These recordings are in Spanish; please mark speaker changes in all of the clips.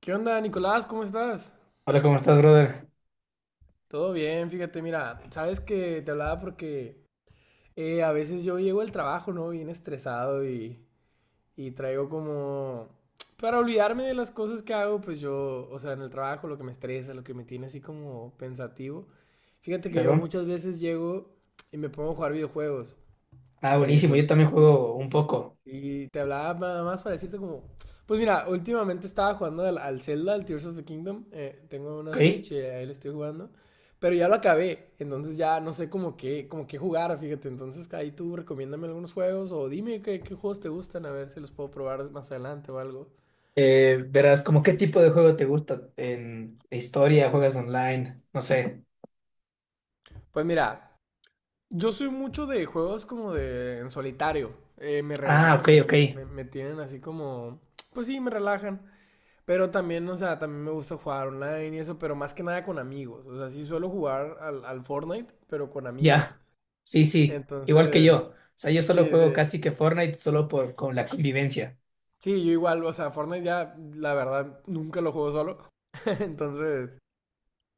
Speaker 1: ¿Qué onda, Nicolás? ¿Cómo estás?
Speaker 2: Hola, ¿cómo estás, brother?
Speaker 1: Todo bien, fíjate, mira, sabes que te hablaba porque a veces yo llego al trabajo, ¿no? Bien estresado y traigo como... Para olvidarme de las cosas que hago, pues yo, o sea, en el trabajo, lo que me estresa, lo que me tiene así como pensativo. Fíjate que yo
Speaker 2: Claro.
Speaker 1: muchas veces llego y me pongo a jugar videojuegos.
Speaker 2: Ah, buenísimo.
Speaker 1: Eso.
Speaker 2: Yo también juego un poco,
Speaker 1: Y te hablaba nada más para decirte como, pues mira, últimamente estaba jugando al Zelda, al Tears of the Kingdom. Tengo una
Speaker 2: ¿ok?
Speaker 1: Switch y ahí lo estoy jugando, pero ya lo acabé. Entonces ya no sé como qué jugar, fíjate. Entonces ahí tú recomiéndame algunos juegos o dime qué, qué juegos te gustan, a ver si los puedo probar más adelante o algo.
Speaker 2: Verás, ¿cómo qué tipo de juego te gusta? ¿En historia? ¿Juegas online? No sé.
Speaker 1: Pues mira, yo soy mucho de juegos como de en solitario. Me
Speaker 2: Ah, ok,
Speaker 1: relajan
Speaker 2: ok.
Speaker 1: así, me tienen así como, pues sí, me relajan. Pero también, o sea, también me gusta jugar online y eso, pero más que nada con amigos. O sea, sí suelo jugar al Fortnite, pero con amigos.
Speaker 2: Ya. Sí, sí. Igual que
Speaker 1: Entonces,
Speaker 2: yo. O sea, yo solo
Speaker 1: sí,
Speaker 2: juego
Speaker 1: sí.
Speaker 2: casi que Fortnite solo por con la convivencia.
Speaker 1: Sí, yo igual, o sea, Fortnite ya, la verdad, nunca lo juego solo. Entonces,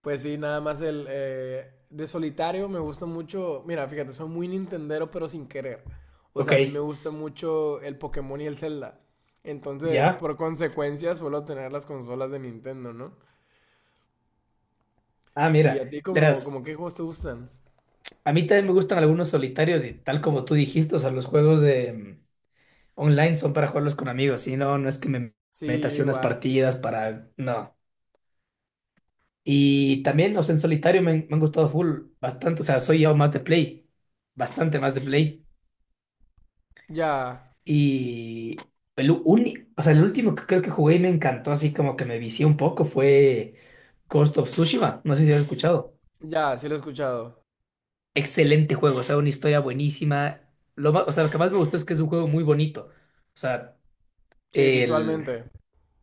Speaker 1: pues sí, nada más el de solitario me gusta mucho. Mira, fíjate, soy muy Nintendero, pero sin querer. O
Speaker 2: Ok.
Speaker 1: sea, a mí me gusta mucho el Pokémon y el Zelda. Entonces,
Speaker 2: Ya.
Speaker 1: por consecuencia, suelo tener las consolas de Nintendo, ¿no?
Speaker 2: Ah,
Speaker 1: ¿Y
Speaker 2: mira.
Speaker 1: a ti como,
Speaker 2: Verás,
Speaker 1: como qué juegos te gustan?
Speaker 2: a mí también me gustan algunos solitarios y tal como tú dijiste, o sea, los juegos de online son para jugarlos con amigos. Si no, no es que me meta
Speaker 1: Sí, yo
Speaker 2: así unas
Speaker 1: igual.
Speaker 2: partidas para... No. Y también, o sea, en solitario me han gustado full, bastante, o sea, soy yo más de play, bastante más de play.
Speaker 1: Ya,
Speaker 2: Y el único, o sea, el último que creo que jugué y me encantó, así como que me vicié un poco, fue Ghost of Tsushima, no sé si has escuchado.
Speaker 1: ya, sí lo he escuchado.
Speaker 2: Excelente juego, o sea, una historia buenísima. Lo más, o sea, lo que más me gustó es que es un juego muy bonito. O sea,
Speaker 1: Sí,
Speaker 2: el,
Speaker 1: visualmente.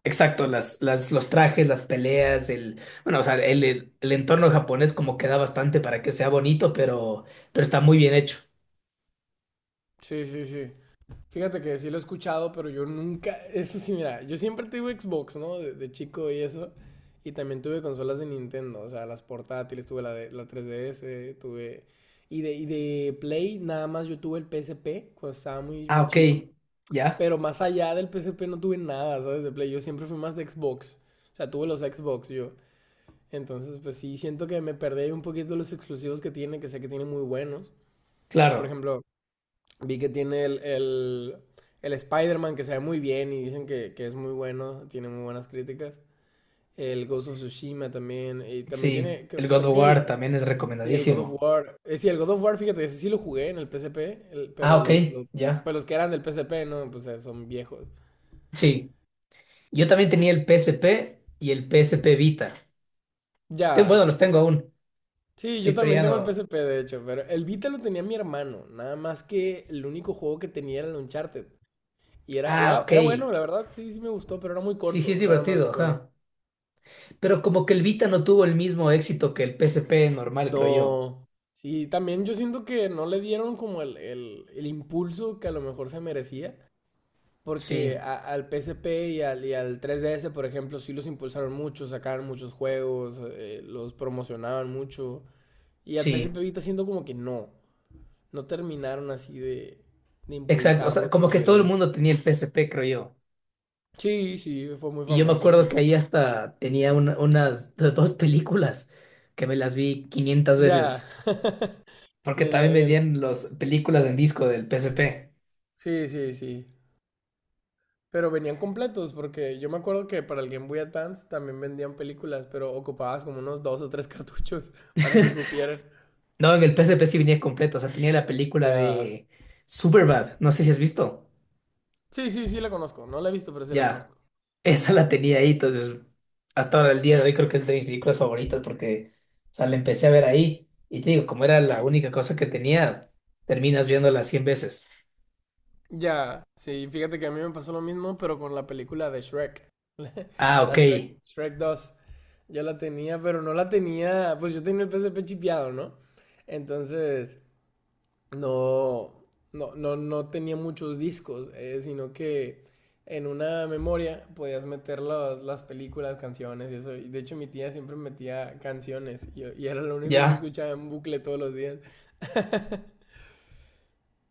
Speaker 2: exacto, los trajes, las peleas, bueno, o sea, el entorno japonés como que da bastante para que sea bonito, pero está muy bien hecho.
Speaker 1: Sí, sí, sí. Fíjate que sí lo he escuchado, pero yo nunca, eso sí, mira, yo siempre tuve Xbox, ¿no? De chico y eso. Y también tuve consolas de Nintendo, o sea, las portátiles, tuve la 3DS, tuve... Y de Play, nada más yo tuve el PSP cuando estaba muy,
Speaker 2: Ah,
Speaker 1: muy
Speaker 2: ok,
Speaker 1: chico.
Speaker 2: ya,
Speaker 1: Pero más allá del PSP no tuve nada, ¿sabes? De Play, yo siempre fui más de Xbox. O sea, tuve los Xbox yo. Entonces, pues sí, siento que me perdí un poquito los exclusivos que tiene, que sé que tiene muy buenos. Por
Speaker 2: claro,
Speaker 1: ejemplo, vi que tiene el Spider-Man, que se ve muy bien y dicen que es muy bueno, tiene muy buenas críticas. El Ghost of Tsushima también, y también
Speaker 2: sí,
Speaker 1: tiene,
Speaker 2: el God
Speaker 1: creo,
Speaker 2: of
Speaker 1: que
Speaker 2: War
Speaker 1: el,
Speaker 2: también es
Speaker 1: y el God of
Speaker 2: recomendadísimo.
Speaker 1: War. Sí, el God of War, fíjate, ese sí lo jugué en el PSP,
Speaker 2: Ah,
Speaker 1: pero
Speaker 2: ok, ya,
Speaker 1: pues los que eran del PSP, no, pues son viejos.
Speaker 2: sí. Yo también tenía el PSP y el PSP Vita.
Speaker 1: Ya,
Speaker 2: Bueno, los tengo aún.
Speaker 1: sí,
Speaker 2: Sí,
Speaker 1: yo
Speaker 2: pero
Speaker 1: también
Speaker 2: ya
Speaker 1: tengo el P S
Speaker 2: no.
Speaker 1: P de hecho, pero el Vita lo tenía mi hermano, nada más que el único juego que tenía era el Uncharted. Y
Speaker 2: Ah, ok,
Speaker 1: era bueno, la verdad. Sí, sí me gustó, pero era muy
Speaker 2: sí, sí es
Speaker 1: corto, nada más
Speaker 2: divertido,
Speaker 1: recuerdo.
Speaker 2: ajá. Pero como que el Vita no tuvo el mismo éxito que el PSP normal, creo yo.
Speaker 1: No, sí, también yo siento que no le dieron como el impulso que a lo mejor se merecía,
Speaker 2: Sí,
Speaker 1: porque al P S P y al 3DS, por ejemplo, sí los impulsaron mucho, sacaron muchos juegos, los promocionaban mucho, y al P S
Speaker 2: sí.
Speaker 1: P Vita siento como que no. No terminaron así de
Speaker 2: Exacto, o sea,
Speaker 1: impulsarlo como
Speaker 2: como que todo el
Speaker 1: debería.
Speaker 2: mundo tenía el P S P, creo yo.
Speaker 1: Sí, sí, fue muy
Speaker 2: Y yo me
Speaker 1: famoso el
Speaker 2: acuerdo que
Speaker 1: PSP.
Speaker 2: ahí hasta tenía unas dos películas que me las vi quinientas
Speaker 1: Ya.
Speaker 2: veces, porque
Speaker 1: Sí,
Speaker 2: también vendían las películas en disco del P S P.
Speaker 1: sí, sí, sí. Pero venían completos porque yo me acuerdo que para el Game Boy Advance también vendían películas, pero ocupabas como unos dos o tres cartuchos para que cupieran.
Speaker 2: No, en el P S P sí venía completo, o sea, tenía la película
Speaker 1: Ya.
Speaker 2: de Superbad, no sé si has visto.
Speaker 1: Sí, sí, sí la conozco. No la he visto, pero sí la
Speaker 2: Ya,
Speaker 1: conozco.
Speaker 2: esa la tenía ahí, entonces hasta ahora el día de hoy creo que es de mis películas favoritas porque, o sea, la empecé a ver ahí. Y te digo, como era la única cosa que tenía, terminas viéndola 100 veces.
Speaker 1: Ya, sí, fíjate que a mí me pasó lo mismo, pero con la película de Shrek.
Speaker 2: Ah,
Speaker 1: La
Speaker 2: ok.
Speaker 1: Shrek, Shrek 2. Yo la tenía, pero no la tenía. Pues yo tenía el PSP chipeado, ¿no? Entonces, no, no, no tenía muchos discos, sino que en una memoria podías meter las películas, canciones y eso. Y de hecho, mi tía siempre metía canciones y era lo único que
Speaker 2: Ya,
Speaker 1: escuchaba en bucle todos los días.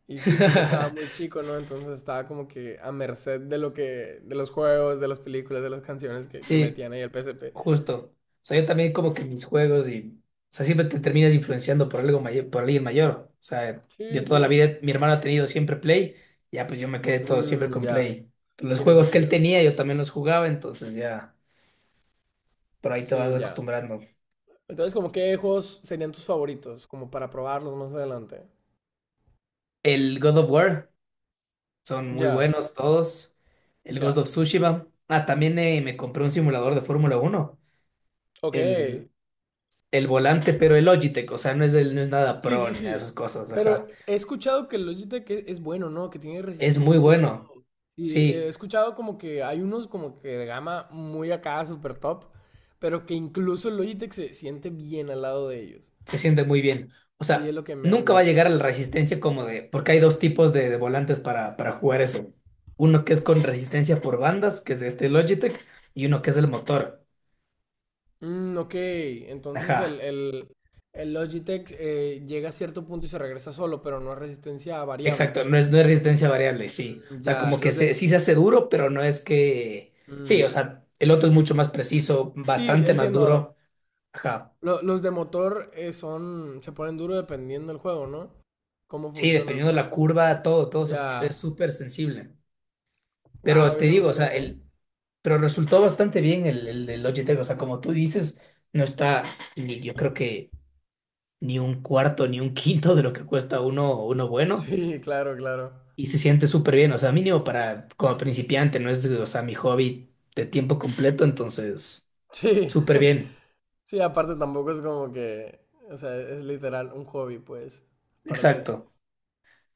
Speaker 1: Y sí, pues yo estaba muy chico, ¿no? Entonces estaba como que a merced de lo que, de los juegos, de las películas, de las canciones que
Speaker 2: sí,
Speaker 1: metían ahí el P S P.
Speaker 2: justo. O sea, yo también como que mis juegos y, o sea, siempre te terminas influenciando por algo mayor, por alguien mayor. O sea, yo
Speaker 1: Sí,
Speaker 2: toda la
Speaker 1: sí.
Speaker 2: vida mi hermano ha tenido siempre Play, ya pues yo me quedé todo siempre
Speaker 1: Mm,
Speaker 2: con
Speaker 1: ya,
Speaker 2: Play. Los
Speaker 1: tiene
Speaker 2: juegos que él
Speaker 1: sentido.
Speaker 2: tenía yo también los jugaba, entonces ya por ahí te vas
Speaker 1: Sí, ya.
Speaker 2: acostumbrando.
Speaker 1: Entonces, como qué juegos serían tus favoritos, como para probarlos más adelante.
Speaker 2: El God of War, son muy
Speaker 1: Ya,
Speaker 2: buenos todos. El Ghost
Speaker 1: ya.
Speaker 2: of Tsushima. Ah, también me compré un simulador de Fórmula Uno.
Speaker 1: Ok.
Speaker 2: El, el volante, pero el Logitech, o sea, no es, no es nada
Speaker 1: Sí,
Speaker 2: pro
Speaker 1: sí,
Speaker 2: ni nada de
Speaker 1: sí.
Speaker 2: esas cosas,
Speaker 1: Pero
Speaker 2: ajá.
Speaker 1: he escuchado que el Logitech es bueno, ¿no? Que tiene
Speaker 2: Es muy
Speaker 1: resistencia y
Speaker 2: bueno.
Speaker 1: sí, he
Speaker 2: Sí,
Speaker 1: escuchado como que hay unos como que de gama muy acá, super top, pero que incluso el Logitech se siente bien al lado de ellos.
Speaker 2: se siente muy bien. O
Speaker 1: Sí, es
Speaker 2: sea,
Speaker 1: lo que me han
Speaker 2: nunca va a
Speaker 1: dicho.
Speaker 2: llegar a la resistencia como de, porque hay dos tipos de volantes para jugar eso. Uno que es con resistencia por bandas, que es de este Logitech, y uno que es el motor.
Speaker 1: Mm, ok, entonces
Speaker 2: Ajá,
Speaker 1: el Logitech llega a cierto punto y se regresa solo, pero no es resistencia variable.
Speaker 2: exacto, no es resistencia variable, sí.
Speaker 1: Mm,
Speaker 2: O sea,
Speaker 1: ya,
Speaker 2: como que
Speaker 1: los de...
Speaker 2: sí se hace duro, pero no es que... Sí,
Speaker 1: mm,
Speaker 2: o sea, el otro es mucho más preciso,
Speaker 1: sí,
Speaker 2: bastante más
Speaker 1: entiendo.
Speaker 2: duro. Ajá,
Speaker 1: Los de motor son... se ponen duro dependiendo del juego, ¿no? Cómo
Speaker 2: sí,
Speaker 1: funciona el
Speaker 2: dependiendo de la
Speaker 1: juego.
Speaker 2: curva, todo es
Speaker 1: Ya.
Speaker 2: súper sensible. Pero
Speaker 1: Wow,
Speaker 2: te
Speaker 1: eso no
Speaker 2: digo, o sea,
Speaker 1: sabía, ¿eh?
Speaker 2: pero resultó bastante bien el de Logitech. O sea, como tú dices, no está ni yo creo que ni un cuarto ni un quinto de lo que cuesta uno bueno.
Speaker 1: Sí, claro, claro.
Speaker 2: Y se siente súper bien. O sea, mínimo para como principiante, no es, o sea, mi hobby de tiempo completo. Entonces,
Speaker 1: Sí,
Speaker 2: súper bien.
Speaker 1: sí, aparte tampoco es como que, o sea, es literal un hobby, pues, para ti.
Speaker 2: Exacto.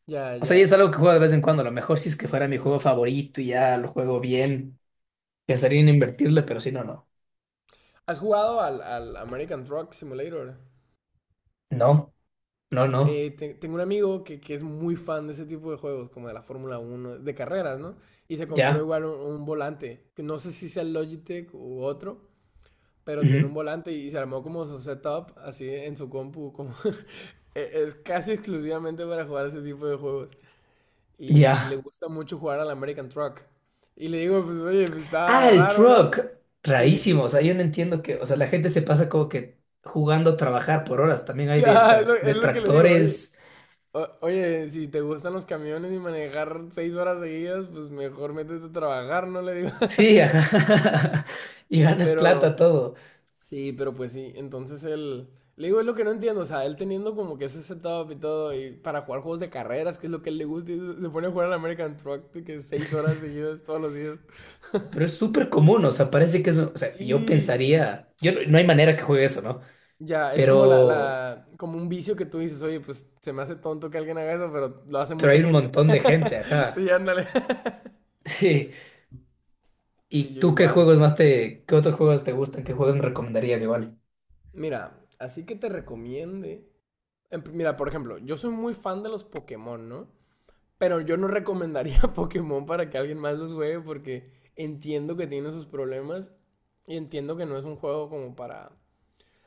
Speaker 1: Ya,
Speaker 2: O sea, y es
Speaker 1: ya.
Speaker 2: algo que juego de vez en cuando. A lo mejor si es que fuera mi juego
Speaker 1: Ujú.
Speaker 2: favorito y ya lo juego bien, pensaría en invertirle, pero si no, no.
Speaker 1: ¿Has jugado al American Truck Simulator?
Speaker 2: No, no, no.
Speaker 1: Tengo un amigo que es muy fan de ese tipo de juegos, como de la Fórmula Uno, de carreras, ¿no? Y se compró
Speaker 2: Ya.
Speaker 1: igual un volante, que no sé si sea el Logitech u otro, pero tiene un
Speaker 2: Ujú.
Speaker 1: volante y se armó como su setup así en su compu, como... Es casi exclusivamente para jugar ese tipo de juegos. Y le
Speaker 2: Ya.
Speaker 1: gusta mucho jugar al American Truck. Y le digo, pues oye, pues
Speaker 2: Ah,
Speaker 1: está
Speaker 2: el
Speaker 1: raro, ¿no?
Speaker 2: truck.
Speaker 1: Sí, sí,
Speaker 2: Rarísimo. O
Speaker 1: sí.
Speaker 2: sea, yo no entiendo que. O sea, la gente se pasa como que jugando a trabajar por horas. También hay
Speaker 1: Sí, ah, es
Speaker 2: de
Speaker 1: lo que le digo, oye.
Speaker 2: tractores.
Speaker 1: Oye, si te gustan los camiones y manejar seis horas seguidas, pues mejor métete a trabajar, ¿no? Le digo.
Speaker 2: Sí, ajá. Y ganas plata,
Speaker 1: Pero,
Speaker 2: todo.
Speaker 1: sí, pero pues sí. Entonces él, le digo, es lo que no entiendo. O sea, él teniendo como que ese setup y todo, y para jugar juegos de carreras, que es lo que a él le gusta, y se pone a jugar al American Truck, de que seis horas seguidas todos los días.
Speaker 2: Pero es súper común. O sea, parece que es. O sea, yo
Speaker 1: Sí,
Speaker 2: pensaría. Yo no, No hay manera que juegue eso, ¿no?
Speaker 1: ya, es como
Speaker 2: Pero.
Speaker 1: como un vicio que tú dices, oye, pues se me hace tonto que alguien haga eso, pero lo hace
Speaker 2: Pero
Speaker 1: mucha
Speaker 2: Hay un
Speaker 1: gente.
Speaker 2: montón de gente,
Speaker 1: Sí,
Speaker 2: ajá.
Speaker 1: ándale.
Speaker 2: Sí.
Speaker 1: Sí,
Speaker 2: ¿Y
Speaker 1: yo
Speaker 2: tú qué
Speaker 1: igual.
Speaker 2: juegos más te? ¿Qué otros juegos te gustan? ¿Qué juegos me recomendarías igual?
Speaker 1: Mira, así que te recomiende. En Mira, por ejemplo, yo soy muy fan de los Pokémon, ¿no? Pero yo no recomendaría Pokémon para que alguien más los juegue porque entiendo que tiene sus problemas y entiendo que no es un juego como para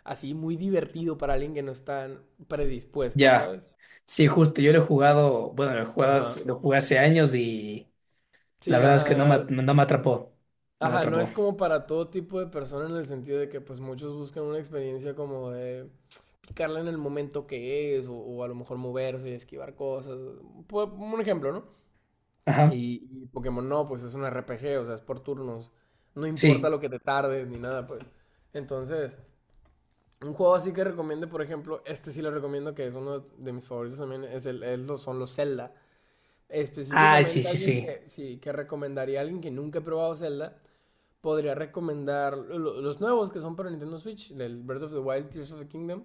Speaker 1: así muy divertido para alguien que no está predispuesto,
Speaker 2: Ya.
Speaker 1: ¿sabes?
Speaker 2: Sí, justo. Yo lo he jugado. Bueno, lo he jugado,
Speaker 1: Ajá.
Speaker 2: lo jugué hace años y. La
Speaker 1: Sí,
Speaker 2: verdad es que no me,
Speaker 1: ajá,
Speaker 2: no me atrapó. No me
Speaker 1: ajá, no
Speaker 2: atrapó.
Speaker 1: es como para todo tipo de persona en el sentido de que pues muchos buscan una experiencia como de picarla en el momento que es o a lo mejor moverse y esquivar cosas. Un ejemplo, ¿no?
Speaker 2: Ajá.
Speaker 1: Y Pokémon no, pues es un RPG, o sea, es por turnos. No importa
Speaker 2: Sí.
Speaker 1: lo que te tardes ni nada, pues. Entonces, un juego así que recomiende, por ejemplo, este sí lo recomiendo que es uno de mis favoritos también, es el, es los- son los Zelda.
Speaker 2: Ah, sí,
Speaker 1: Específicamente
Speaker 2: sí,
Speaker 1: alguien
Speaker 2: sí.
Speaker 1: que sí, que recomendaría a alguien que nunca ha probado Zelda podría recomendar los nuevos que son para Nintendo Switch, el Breath of the Wild, Tears of the Kingdom,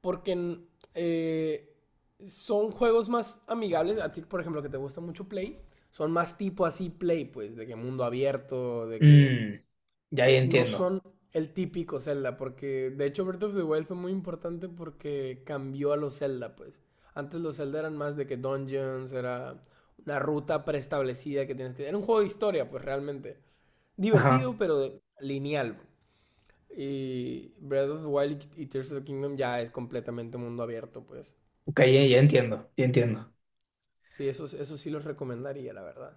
Speaker 1: porque eh, son juegos más amigables. A ti, por ejemplo, que te gusta mucho Play, son más tipo así Play, pues, de que mundo abierto, de que
Speaker 2: Mm, ya, ya
Speaker 1: no
Speaker 2: entiendo.
Speaker 1: son el típico Zelda, porque de hecho Breath of the Wild fue muy importante porque cambió a los Zelda, pues. Antes los Zelda eran más de que dungeons, era una ruta preestablecida que tienes que... Era un juego de historia, pues realmente
Speaker 2: Ajá.
Speaker 1: divertido, pero lineal. Y Breath of the Wild y Tears of the Kingdom ya es completamente mundo abierto, pues.
Speaker 2: Ok, ya, ya entiendo. Ya entiendo.
Speaker 1: Sí, eso sí los recomendaría, la verdad.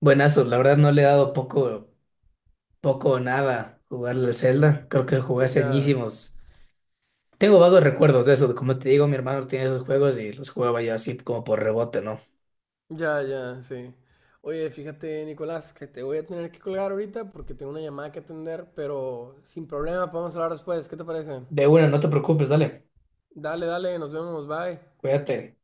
Speaker 2: Buenazo. La verdad no le he dado poco o nada jugarle al Zelda. Creo que lo jugué hace
Speaker 1: Ya,
Speaker 2: añísimos. Tengo vagos recuerdos de eso. Como te digo, mi hermano tenía esos juegos y los jugaba yo así como por rebote, ¿no?
Speaker 1: ya, ya, sí. Oye, fíjate, Nicolás, que te voy a tener que colgar ahorita porque tengo una llamada que atender, pero sin problema, podemos hablar después. ¿Qué te parece?
Speaker 2: De una, no te preocupes, dale.
Speaker 1: Dale, dale, nos vemos, bye.
Speaker 2: Cuídate.